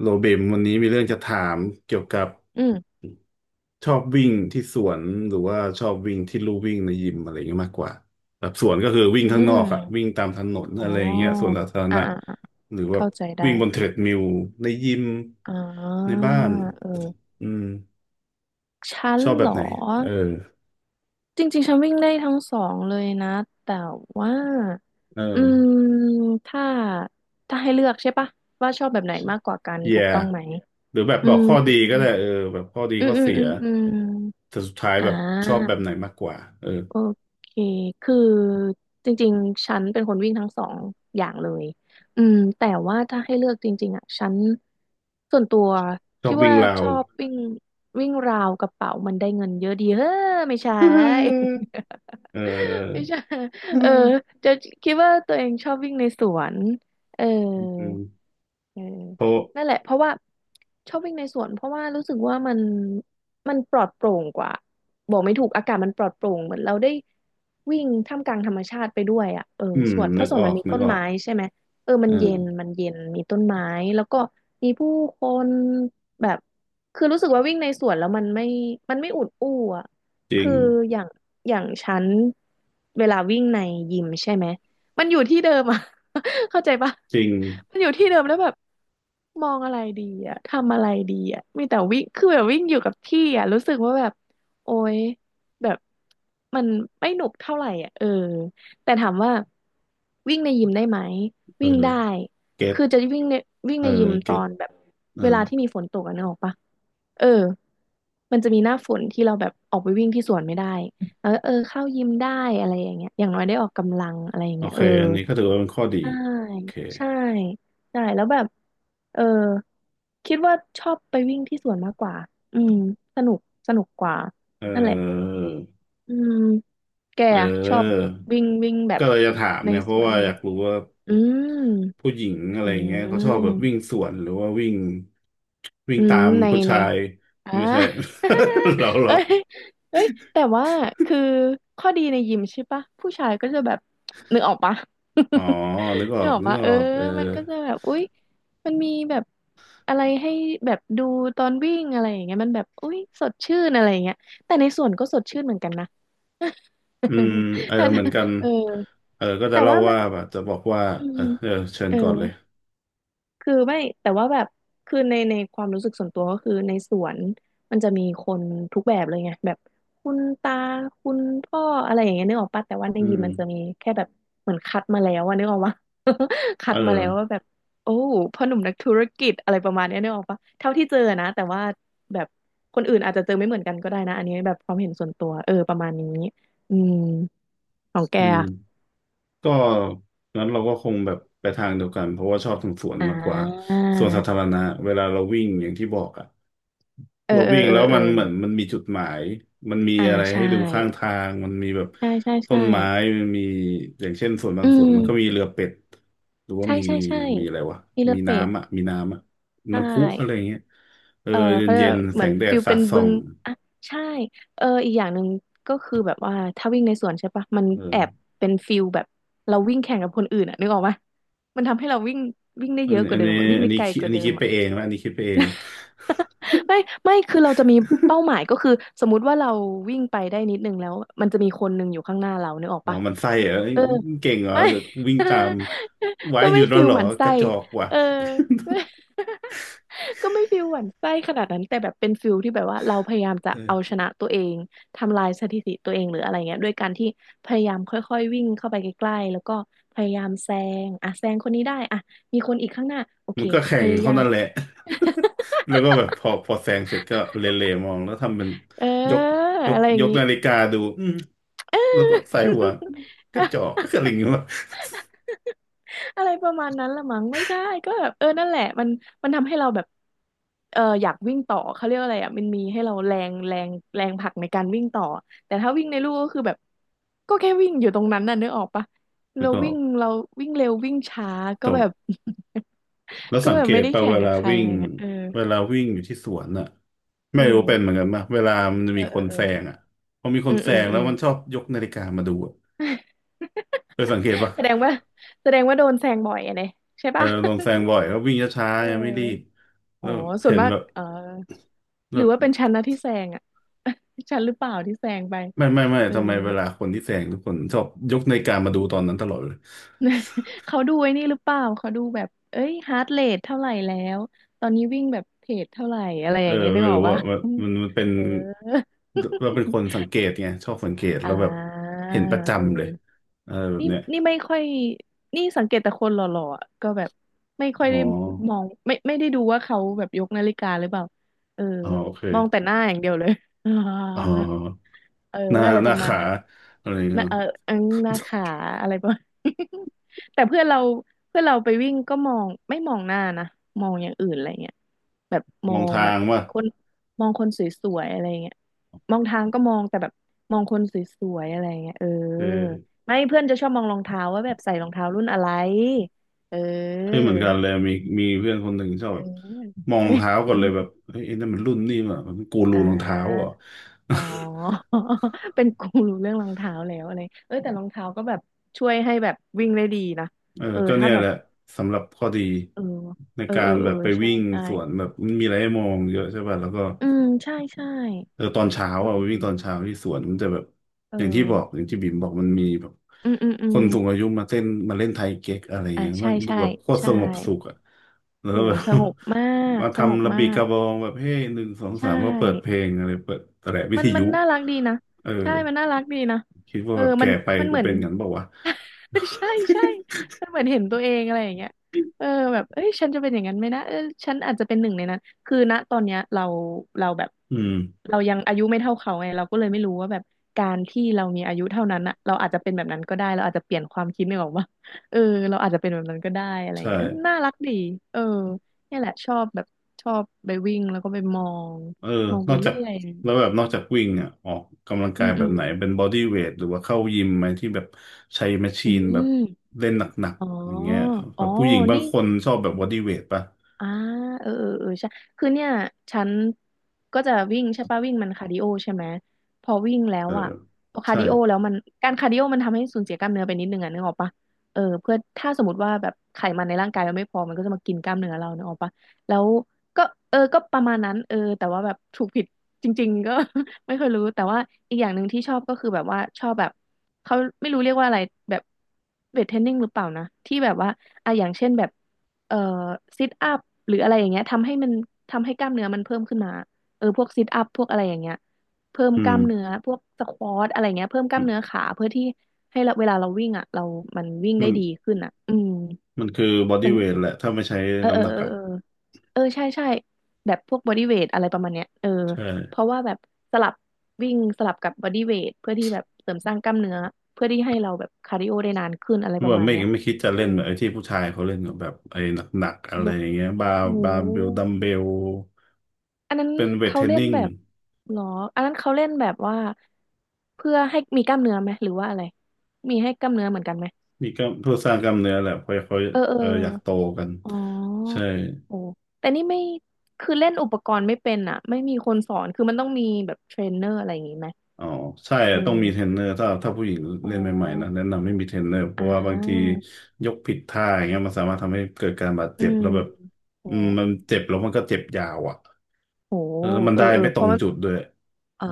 โรเบมวันนี้มีเรื่องจะถามเกี่ยวกับอืม ชอบวิ่งที่สวนหรือว่าชอบวิ่งที่ลู่วิ่งในยิมอะไรอย่างเงี้ยมากกว่าแบบสวนก็คือวิ่งอืข้างนอกอะวิ่งม ตามถนนอ๋อะไรอย่างเงี้ยสวนอสาธารอ่าณะอ่าอ่าหรือว่าเข้าใจได้วิ่งบนเทรดมิลในยิมอ่ในาบ้านเอออืมฉันชอบแบเหรบอ ไหนเออจริงๆฉันวิ่งได้ทั้งสองเลยนะ แต่ว่า เออือ ม ถ้า ถ้าให้เลือกใช่ปะว่าชอบแบบไหนมากกว่ากัน y ถูย่กต้องไหม หรือแบบอืบอกม ข้อดีก็ได้เออแบบข้อดีอืม ข้ออืม เสีอืยมอืมแต่สุดท้ายอ่แบบชอบแบา บไหนมากกว่าเออโอเค คือจริงๆ ฉันเป็นคนวิ่งทั้งสองอย่างเลยแต่ว่าถ้าให้เลือกจริงๆอ่ะฉันส่วนตัวชอคิบดวิ่งว่าราชว อบวิ่งวิ่งราวกระเป๋ามันได้เงินเยอะดีเฮ้อไม่ใช่ เอ ไม่อ ใช่เออจะคิดว่าตัวเองชอบวิ่งในสวนเอ อือ ม เออเพราะนั่นแหละเพราะว่าชอบวิ่งในสวนเพราะว่ารู้สึกว่ามันปลอดโปร่งกว่าบอกไม่ถูกอากาศมันปลอดโปร่งเหมือนเราได้วิ่งท่ามกลางธรรมชาติไปด้วยอ่ะเอออืม สวนเพนึราะกสวอนอมันกมีนึกต้นออกไม้ใช่ไหมเออมันเย็นเออมันเย็นมีต้นไม้แล้วก็มีผู้คนแบบคือรู้สึกว่าวิ่งในสวนแล้วมันไม่อุดอู้อ่ะจริคืง ออย่างอย่างฉันเวลาวิ่งในยิมใช่ไหม มันอยู่ที่เดิมอะ เข้าใจปะจริง มันอยู่ที่เดิมแล้วแบบมองอะไรดีอะทำอะไรดีอะมีแต่วิ่งคือแบบวิ่งอยู่กับที่อะรู้สึกว่าแบบโอ๊ยแบบมันไม่หนุกเท่าไหร่อะเออแต่ถามว่าวิ่งในยิมได้ไหม เออวิ่งได้ เก็ตคือจะวิ่งในเออยิมตเก็อตนแบบอ่าเวลาที่มีฝนตกอะนึกออกปะ เออมันจะมีหน้าฝนที่เราแบบออกไปวิ่งที่สวนไม่ได้แล้วเออเข้ายิมได้อะไรอย่างเงี้ยอย่างน้อยได้ออกกำลังอะไรอย่างโอเงี้ยเค เอออันนี้ก็ถือว่าเป็นข้อดีใช่โอเคใช่ ใช่ แล้วแบบเออคิดว่าชอบไปวิ่งที่สวนมากกว่าอืมสนุกสนุกกว่า เอนั่นแหละออืมแกเอะชอบออวิ่งวิ่งแบบก็เลยจะถามในไงเพสราะวนว่าไหมอยากรู้ว่าอืมผู้หญิงอะไรอือย่างเงี้ยเขาชอบแบบวิ่งมสวนหรือว่าวิ่งวิ่งอืตามมในผู้ใน ชายอ่า ไม่ใช่ เราเอ้ยเอ้ยแต่ว่าคือข้อดีในยิมใช่ปะผู้ชายก็จะแบบนึกออกปะ อ๋อนึก อนึอกก ออกนึกปะอเอออกเออ มันก็จะแบบอุ๊ยมันมีแบบอะไรให้แบบดูตอนวิ่งอะไรอย่างเงี้ยมันแบบอุ๊ยสดชื่นอะไรอย่างเงี้ยแต่ในส่วนก็สดชื่นเหมือนกันนะ อืม เออถ้าเหมือนกันเออเออก็จะแต่เล่าว่ามันว่าแบบจะบอกว่าอืเอมอเออเชิเอญอ ก่อนเลยคือไม่แต่ว่าแบบคือในความรู้สึกส่วนตัวก็คือในสวนมันจะมีคนทุกแบบเลยไงแบบคุณตาคุณพ่ออะไรอย่างเงี้ยนึกออกปะแต่ว่าในอืยิมมมันจะมีแค่แบบเหมือนคัดมาแล้วอะนึกออกปะ คัเอดมาแล้วว่าอแบบโอ้พ่อหนุ่มนักธุรกิจอะไรประมาณเนี้ยนึกออกปะเท่าที่เจอนะแต่ว่าแบบคนอื่นอาจจะเจอไม่เหมือนกันก็ได้นะอันนี้แบบความเห็นส่วนตัวเออประมาณนี้อืมของแกอืมอะก็งั้นเราก็คงแบบไปทางเดียวกัน เพราะว่าชอบสวนอ่มากกว่าาสวนสาธารณะเวลาเราวิ่งอย่างที่บอกอ่ะ เออเราเออวิ่งเออแล้วเอมัอนเหมือนมันมีจุดหมาย มันมีอ่าอะไรให้ใช่ดูข้างทาง มันมีแบบใช่ใช่ต้ใช่ นไม้มันมีอย่างเช่นส่วนบาอืงส่วนมมันก็มีเรือเป็ดหรือว่าใช่มีใช่ใช่มีอะไรวะมีเรือมีเป็ดน้ำอ่ะมีน้ำอ่ะใชน้ำพุอะไรอ่ย่างเงี้ยเออเออเย็เขานเรียกเย็ว่านเหแสมือนงแดฟิดลสาเป็ดนส่อบึงงอ่ะใช่เอออีกอย่างหนึ่งก็คือแบบว่าถ้าวิ่งในสวนใช่ปะมันเอแออบเป็นฟิลแบบเราวิ่งแข่งกับคนอื่นอะนึกออกปะมันทำให้เราวิ่งวิ่งได้อัเยนอะกอัว่านเดินี้มอะวิ่งอันได้นี้ไกลคิดกอัว่านนี้เดิคิม ดไปเองนะอันนี้คิดไปเอง ไม่ไม่คือเราจะมีเป้าหมายก็คือสมมุติว่าเราวิ่งไปได้นิดนึงแล้วมันจะมีคนหนึ่งอยู่ข้างหน้าเรานึกออกอ๋อปะมันไส้เหรอเอ้ยเออเก่งเหรอไม่ เดี๋ยววิ่งตาม ไว้ก็หยุไม่ดแล้ฟิวลเหรหอมั่นกไส้ระจอกว่ะเออ ไม่ ก็ไม่ฟิลหวั่นไส้ขนาดนั้นแต่แบบเป็นฟิลที่แบบว่าเราพยายามจะเออ เอาชนะตัวเองทำลายสถิติตัวเองหรืออะไรเงี้ยด้วยการที่พยายามค่อยๆวิ่งเข้าไปใกล้ๆแล้วก็พยายามแซงอ่ะแซงคนนี้ได้อ่ะมีคนอีกข้างหน้าโอเคมันก็แข่พงยาเท่ายาม นั้นแหละ แล้วก็แบบพอแซงเสร็จก็เหลๆมองแล้วทำเป็นเออยกยกอะไรอย่ายงกงี้ นาฬิ กาดูอืมเอแล้วก็อใส่หัวกระจอกก็กระลิงเงี้ยวะ อะไรประมาณนั้นละมั้งไม่ใช่ก็แบบเออนั่นแหละมันมันทำให้เราแบบเอออยากวิ่งต่อเขาเรียกว่าอะไรอ่ะมันมีให้เราแรงแรงแรงผลักในการวิ่งต่อแต่ถ้าวิ่งในลู่ก็คือแบบก็แค่วิ่งอยู่ตรงนั้นน่ะนึกออกปะ แล้เราวก็วิ่งเราวิ่งเร็ววิ่งช้าตก็แบบบ แล้ว ก็สังแบเกบไม่ตได้ป่ะแข่เวงกัลาบใครวิ่อะไรงเงี้ยเออเวลาวิ่งอยู่ที่สวนน่ะไม่เอรู้เป็นเหอมือนกันป่ะเวลามันเอมีอคนเออแซงอ่ะพอมีคเออนแซอืมงอืมแล้อืวม มันชอบยกนาฬิกามาดูอะเคยสั งเกตป่ะแสดงว่าแสดงว่าโดนแซงบ่อยอะเนี่ยใช่เออปะ ลงแซงบ่อยแล้ววิ่งช้า เๆยังไม่รีบอออ๋แล้อวส่วเห็นนมากแบบเออหรือแบว่าเป็นบ ฉันนะที่แซงอ่ะ ฉันหรือเปล่าที่แซงไปไม่ไม่ไม่เออ ทำไมเวลาคนที่แซงทุกคนชอบยกนาฬิกามาดูตอนนั้นตลอดเลย เขาดูไอ้นี่หรือเปล่าเขาดูแบบเอ้ยฮาร์ทเรทเท่าไหร่แล้วตอนนี้วิ่งแบบเพจเท่าไหร่อะไรอเออย่างเงี้ยนึกไม่ออกรู้ปะ อะมันเป็น เออ เราเป็นคนสังเกตไงชอบสังเกต แล้อ่าวแบบเห็นประเอจำเลยอ อะไรแบบนี่เนี้ยไม่ค่อยนี่สังเกตแต่คนหล่อๆอะก็แบบไม่ค่อยอ๋อได้มองไม่ได้ดูว่าเขาแบบยกนาฬิกาหรือเปล่าเอออ๋อโอเคมองแต่หน้าอย่างเดียวเลย อ๋อ เออหน้าอะไรหปน้าระมาณขานั้นอะไรเงี้นะยเออเอิงหน้าขาอะไรประมาณ แต่เพื่อนเราไปวิ่งก็มองไม่มองหน้านะมองอย่างอื่นอะไรเงี้ยแบบมมอองงแบทาบงว่าคนมองคนสวยๆอะไรเงี้ยมองทางก็มองแต่แบบมองคนสวยๆอะไรเงี้ยเออเออไม่เพื่อนจะชอบมองรองเท้าว่าแบบใส่รองเท้ารุ่นอะไรเอเฮ้ยอเหมือนกันเลยมีเพื่อนคนหนึ่งชอบเอแบบมองรอ องเท้าก่อนเลยแบบ เฮ้ยไอ้นั่นมันรุ่นนี่ว่ะมันกูรูอ่า รองเท้าเหรอ่ะ อ๋อ เป็นกูรู้เรื่องรองเท้าแล้วอะไรเอ้ยแต่รองเท้าก็แบบช่วยให้แบบวิ่งได้ดีนะ เออเออก็ถ้าเนี่ยแบแหบละสำหรับข้อดีเออในเออกาเออรแบเออบไปใช่วิ่งใช่สวนแบบมันมีอะไรให้มองเยอะใช่ป่ะแล้วก็อืมใช่ใช่เออตอนเช้าเออ่ะไปวิ่งตอนอเช้าที่สวนมันจะแบบเออย่างที่บอกออย่างที่บิ่มบอกมันมีแบบอืมอืมอืคมนสูงอายุมาเต้นมาเล่นไทยเก๊กอะไรอ่ะเงี้ยมัใช่นดูใช่แบบโคตรสใช่งบสุขอ่ะแล้โหวแบบ สงบมา กมาสงบทำระมาบีกกระบองแบบเฮ้ยหนึ่งสองใช่ สามก็เปิดเพลงอะไรเปิดแตะวิมัทนมัยุนน่ารักดีนะเอใช่อมันน่ารักดีนะคิดว่าเออแบบมัแก่นไปมันกูเหมือน เป็นกันเปล่าวะ ใช่ใช่มันเหมือนเห็นตัวเองอะไรอย่างเงี้ยเออแบบเอ้ยฉันจะเป็นอย่างนั้นไหมนะเออฉันอาจจะเป็นหนึ่งในนั้นคือณตอนเนี้ยเราแบบ อืมเรายังอายุไม่เท่าเขาไงเราก็เลยไม่รู้ว่าแบบการที่เรามีอายุเท่านั้นอะเราอาจจะเป็นแบบนั้นก็ได้เราอาจจะเปลี่ยนความคิดนึกออกปะเออเราอาจจะเป็นแบบนั้นก็ได้อะไรอย่าใช่ งเงี้ยเออน่ารักดีเออเนี่ยแหละชอบแบบชอบไปวิ่งแล้วก็ไปมองเออ มองนไปอกจาเรื่กอย แล้วแบบนอกจากวิ่งอ่ะออกกำลังอืกายมแบอืบมไหนเป็นบอดี้เวทหรือว่าเข้ายิมไหมที่แบบใช้แมชชีอืนแบบมเล่นหนักอ๋อๆอย่างเงี้ยอ๋แบอบผู้หญิงบางนี่ คนชอบแบบบอดี้เวทป่ะอ่าเออเออเออใช่คือเนี่ยฉันก็จะวิ่งใช่ป่ะวิ่งมันคาร์ดิโอใช่ไหมพอวิ่งแล้เอวออ่ะพอคาใช่ร์ดิโอแล้วการคาร์ดิโอมันทำให้สูญเสียกล้ามเนื้อไปนิดนึงอ่ะนึกออกป่ะเออเพื่อถ้าสมมติว่าแบบไขมันในร่างกายเราไม่พอมันก็จะมากินกล้ามเนื้อเรานึกออกป่ะแล้วก็เออก็ประมาณนั้นเออแต่ว่าแบบถูกผิดจริงๆก็ ไม่เคอยรู้แต่ว่าอีกอย่างหนึ่งที่ชอบก็คือแบบว่าชอบแบบเขาไม่รู้เรียกว่าอะไรแบบเวทเทรนนิ่งหรือเปล่านะที่แบบว่าอ่ะอย่างเช่นแบบ เอ่อซิทอัพหรืออะไรอย่างเงี้ยทำให้มันทำให้กล้ามเนื้อมันเพิ่มขึ้นมาเออพวกซิทอัพพวกอะไรอย่างเงี้ยเพิ่มอืกล้ามมเนื้อพวกสควอทอะไรเงี้ยเพิ่มกล้ามเนื้อขาเพื่อที่ให้เราเวลาเราวิ่งอ่ะเรามันวิ่งมัได้นดีขึ้นอ่ะอืมมันคือบอดี้มันเวทแหละถ้าไม่ใช้เออเอน้ำอหนักอ่ะเออเออเออใช่ใช่แบบพวกบอดี้เวทอะไรประมาณเนี้ยเออใช่เพราะว่าแบบสลับวิ่งสลับกับบอดี้เวทเพื่อที่แบบเสริมสร้างกล้ามเนื้อเพื่อที่ให้เราแบบคาร์ดิโอได้นานขึ้นอะไรปแบระบมาณไม่เนี้ยไม่คิดจะเออเล่นแบบไอ้ที่ผู้ชายเขาเล่นกับแบบไอ้หนักๆอะไรยกอย่างเงี้ยบาโอ้ร์โบาร์เบลดัมห เบลอันนั้นเป็นเวทเขาเทรนเล่นนิ่งแบบหรออันนั้นเขาเล่นแบบว่าเพื่อให้มีกล้ามเนื้อไหมหรือว่าอะไรมีให้กล้ามเนื้อเหมือนกันไหมมีก็เพื่อสร้างกล้ามเนื้อแหละเพราะเขาเออเออเอออยากโตกันอ๋อใช่ โอ้แต่นี่ไม่คือเล่นอุปกรณ์ไม่เป็นอ่ะไม่มีคนสอนคือมันต้องมีแบบเทรนเนอร์อะไรอย่างงี้ไหมอ๋อใช่เออะต้องมีเทรอนเนอร์ถ้าผู้หญิงอ๋เล่อนใหม่ๆนะแนะนำไม่มีเทรนเนอร์เพอ่ราะว่าบางทีายกผิดท่าอย่างเงี้ยมันสามารถทำให้เกิดการบาดอืเจ็บมแล้วแบบโอ้อืมมันเจ็บแล้วมันก็เจ็บยาวอ่ะโหแล้วมันเออได้เออไม่ตเพรงราะ จุดด้วยอ่า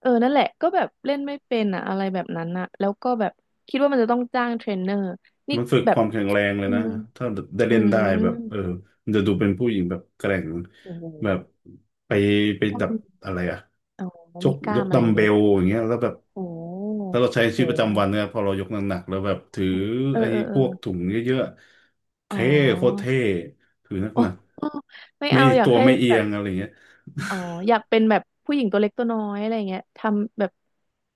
เออนั่นแหละก็แบบเล่นไม่เป็นอ่ะอะไรแบบนั้นอ่ะแล้วก็แบบคิดว่ามันจะต้องจ้างเทรนเนอร์นี่มันฝึกแบคบวามแข็งแรงเลยอืนะมถ้าได้อืเล่นมได้แบบเออจะดูเป็นผู้หญิงแบบแกร่งโอ้แบบโหไปไปกล้ามดับอะไรอ่ะอ๋อยมีกกล้ายกมอะดัไรอมย่างเบเงี้ยเลยลปะอย่างเงี้ยแล้วแบบ โอ้ถ้าเราใช้ชีวิตประจำวัโหนเนี่ยพอเรายกหนักๆแล้วแบบถือเออไอ้เออเอพอวกถุงเยอะๆอ๋อเท่โคตรเท่ถือหโอนัก้ไม่ๆไม่เอาอยากตัวให้ไม่เอีแบยบงอะไรเงี้ยอ๋ออยากเป็นแบบผู้หญิงตัวเล็กตัวน้อยอะไรเงี้ยทำแบบ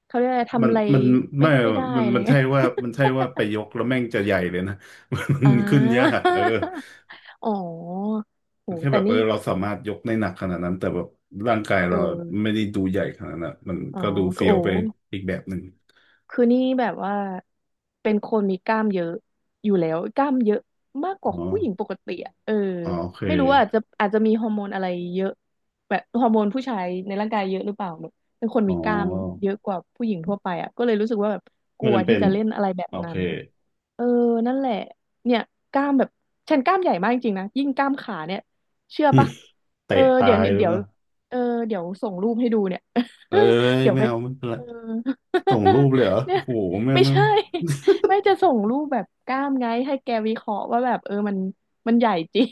เขาเรียกอะไรมัทำนอะไรมันไม่ไม่ค่อยได้มันอะไรมันเงี้ใช่ยว่ามันใช่ว่าไปยกแล้วแม่งจะใหญ่เลยนะ มันอ่า ขึ้นยากเออ อ๋อโหมันแค่แบแต่บเออนี่เราสามารถยกได้หนักขนาดนั้นแต่แบบร่างกายเอเราอ ไม่ได้ดูใหญ่ขนาดนั้นมันอ๋อก็ดูคือเฟี้ยวโอ้ไปอีกแบบหนึ่งคือนี่แบบว่าเป็นคนมีกล้ามเยอะอยู่แล้วกล้ามเยอะมากกอ๋อว่าผู้หญิงปกติอะเอออ๋อโอเคไม่รู้ว่าอาจจะมีฮอร์โมนอะไรเยอะแบบฮอร์โมนผู้ชายในร่างกายเยอะหรือเปล่าแบบเป็นคนอ๋อมีกล้ามเยอะกว่าผู้หญิงทั่วไปอะก็เลยรู้สึกว่าแบบกไม่ลัวจำเป็ที่นจะเล่นอะไรแบบโอเคนั้น เออนั่นแหละเนี่ยกล้ามแบบฉันกล้ามใหญ่มากจริงๆนะยิ่งกล้ามขาเนี่ยเชื่อปะเออเตะตาเดี๋ยวยแล้วเดี๋ยวนะ เออเดี๋ยวส่งรูปให้ดูเนี่ย เอ้ ยเดี๋ยวไม่ไปเอาไม่เป็นไรเออ ส่งรูป เลยเหรอเนี่ยโอ้โหไม่เอาไม่ไม่เอใช่าไม่จะส่งรูปแบบกล้ามไงให้แกวิเคราะห์ว่าแบบเออมันมันใหญ่จริง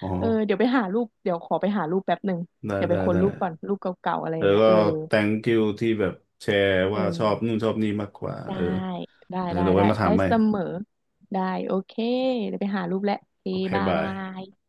อ๋อ เออเดี๋ยวไปหารูปเดี๋ยวขอไปหารูปแป๊บหนึ่งได้เดี๋ยวไปได้ค้นได้รูปก่อนรูปเก่าๆอะไรอแล้ย่างวเงี้ยก็ เออ thank you ที่แบบแชร์เอว่าชอบนู่นอ ชอบนี่มากกว่าได้เออเออเดี๋ยวไว้มาถาได้มใหม่เสมอได้โอเคเดี๋ยวไปหารูปแล้วโอเคโอเคบาบายย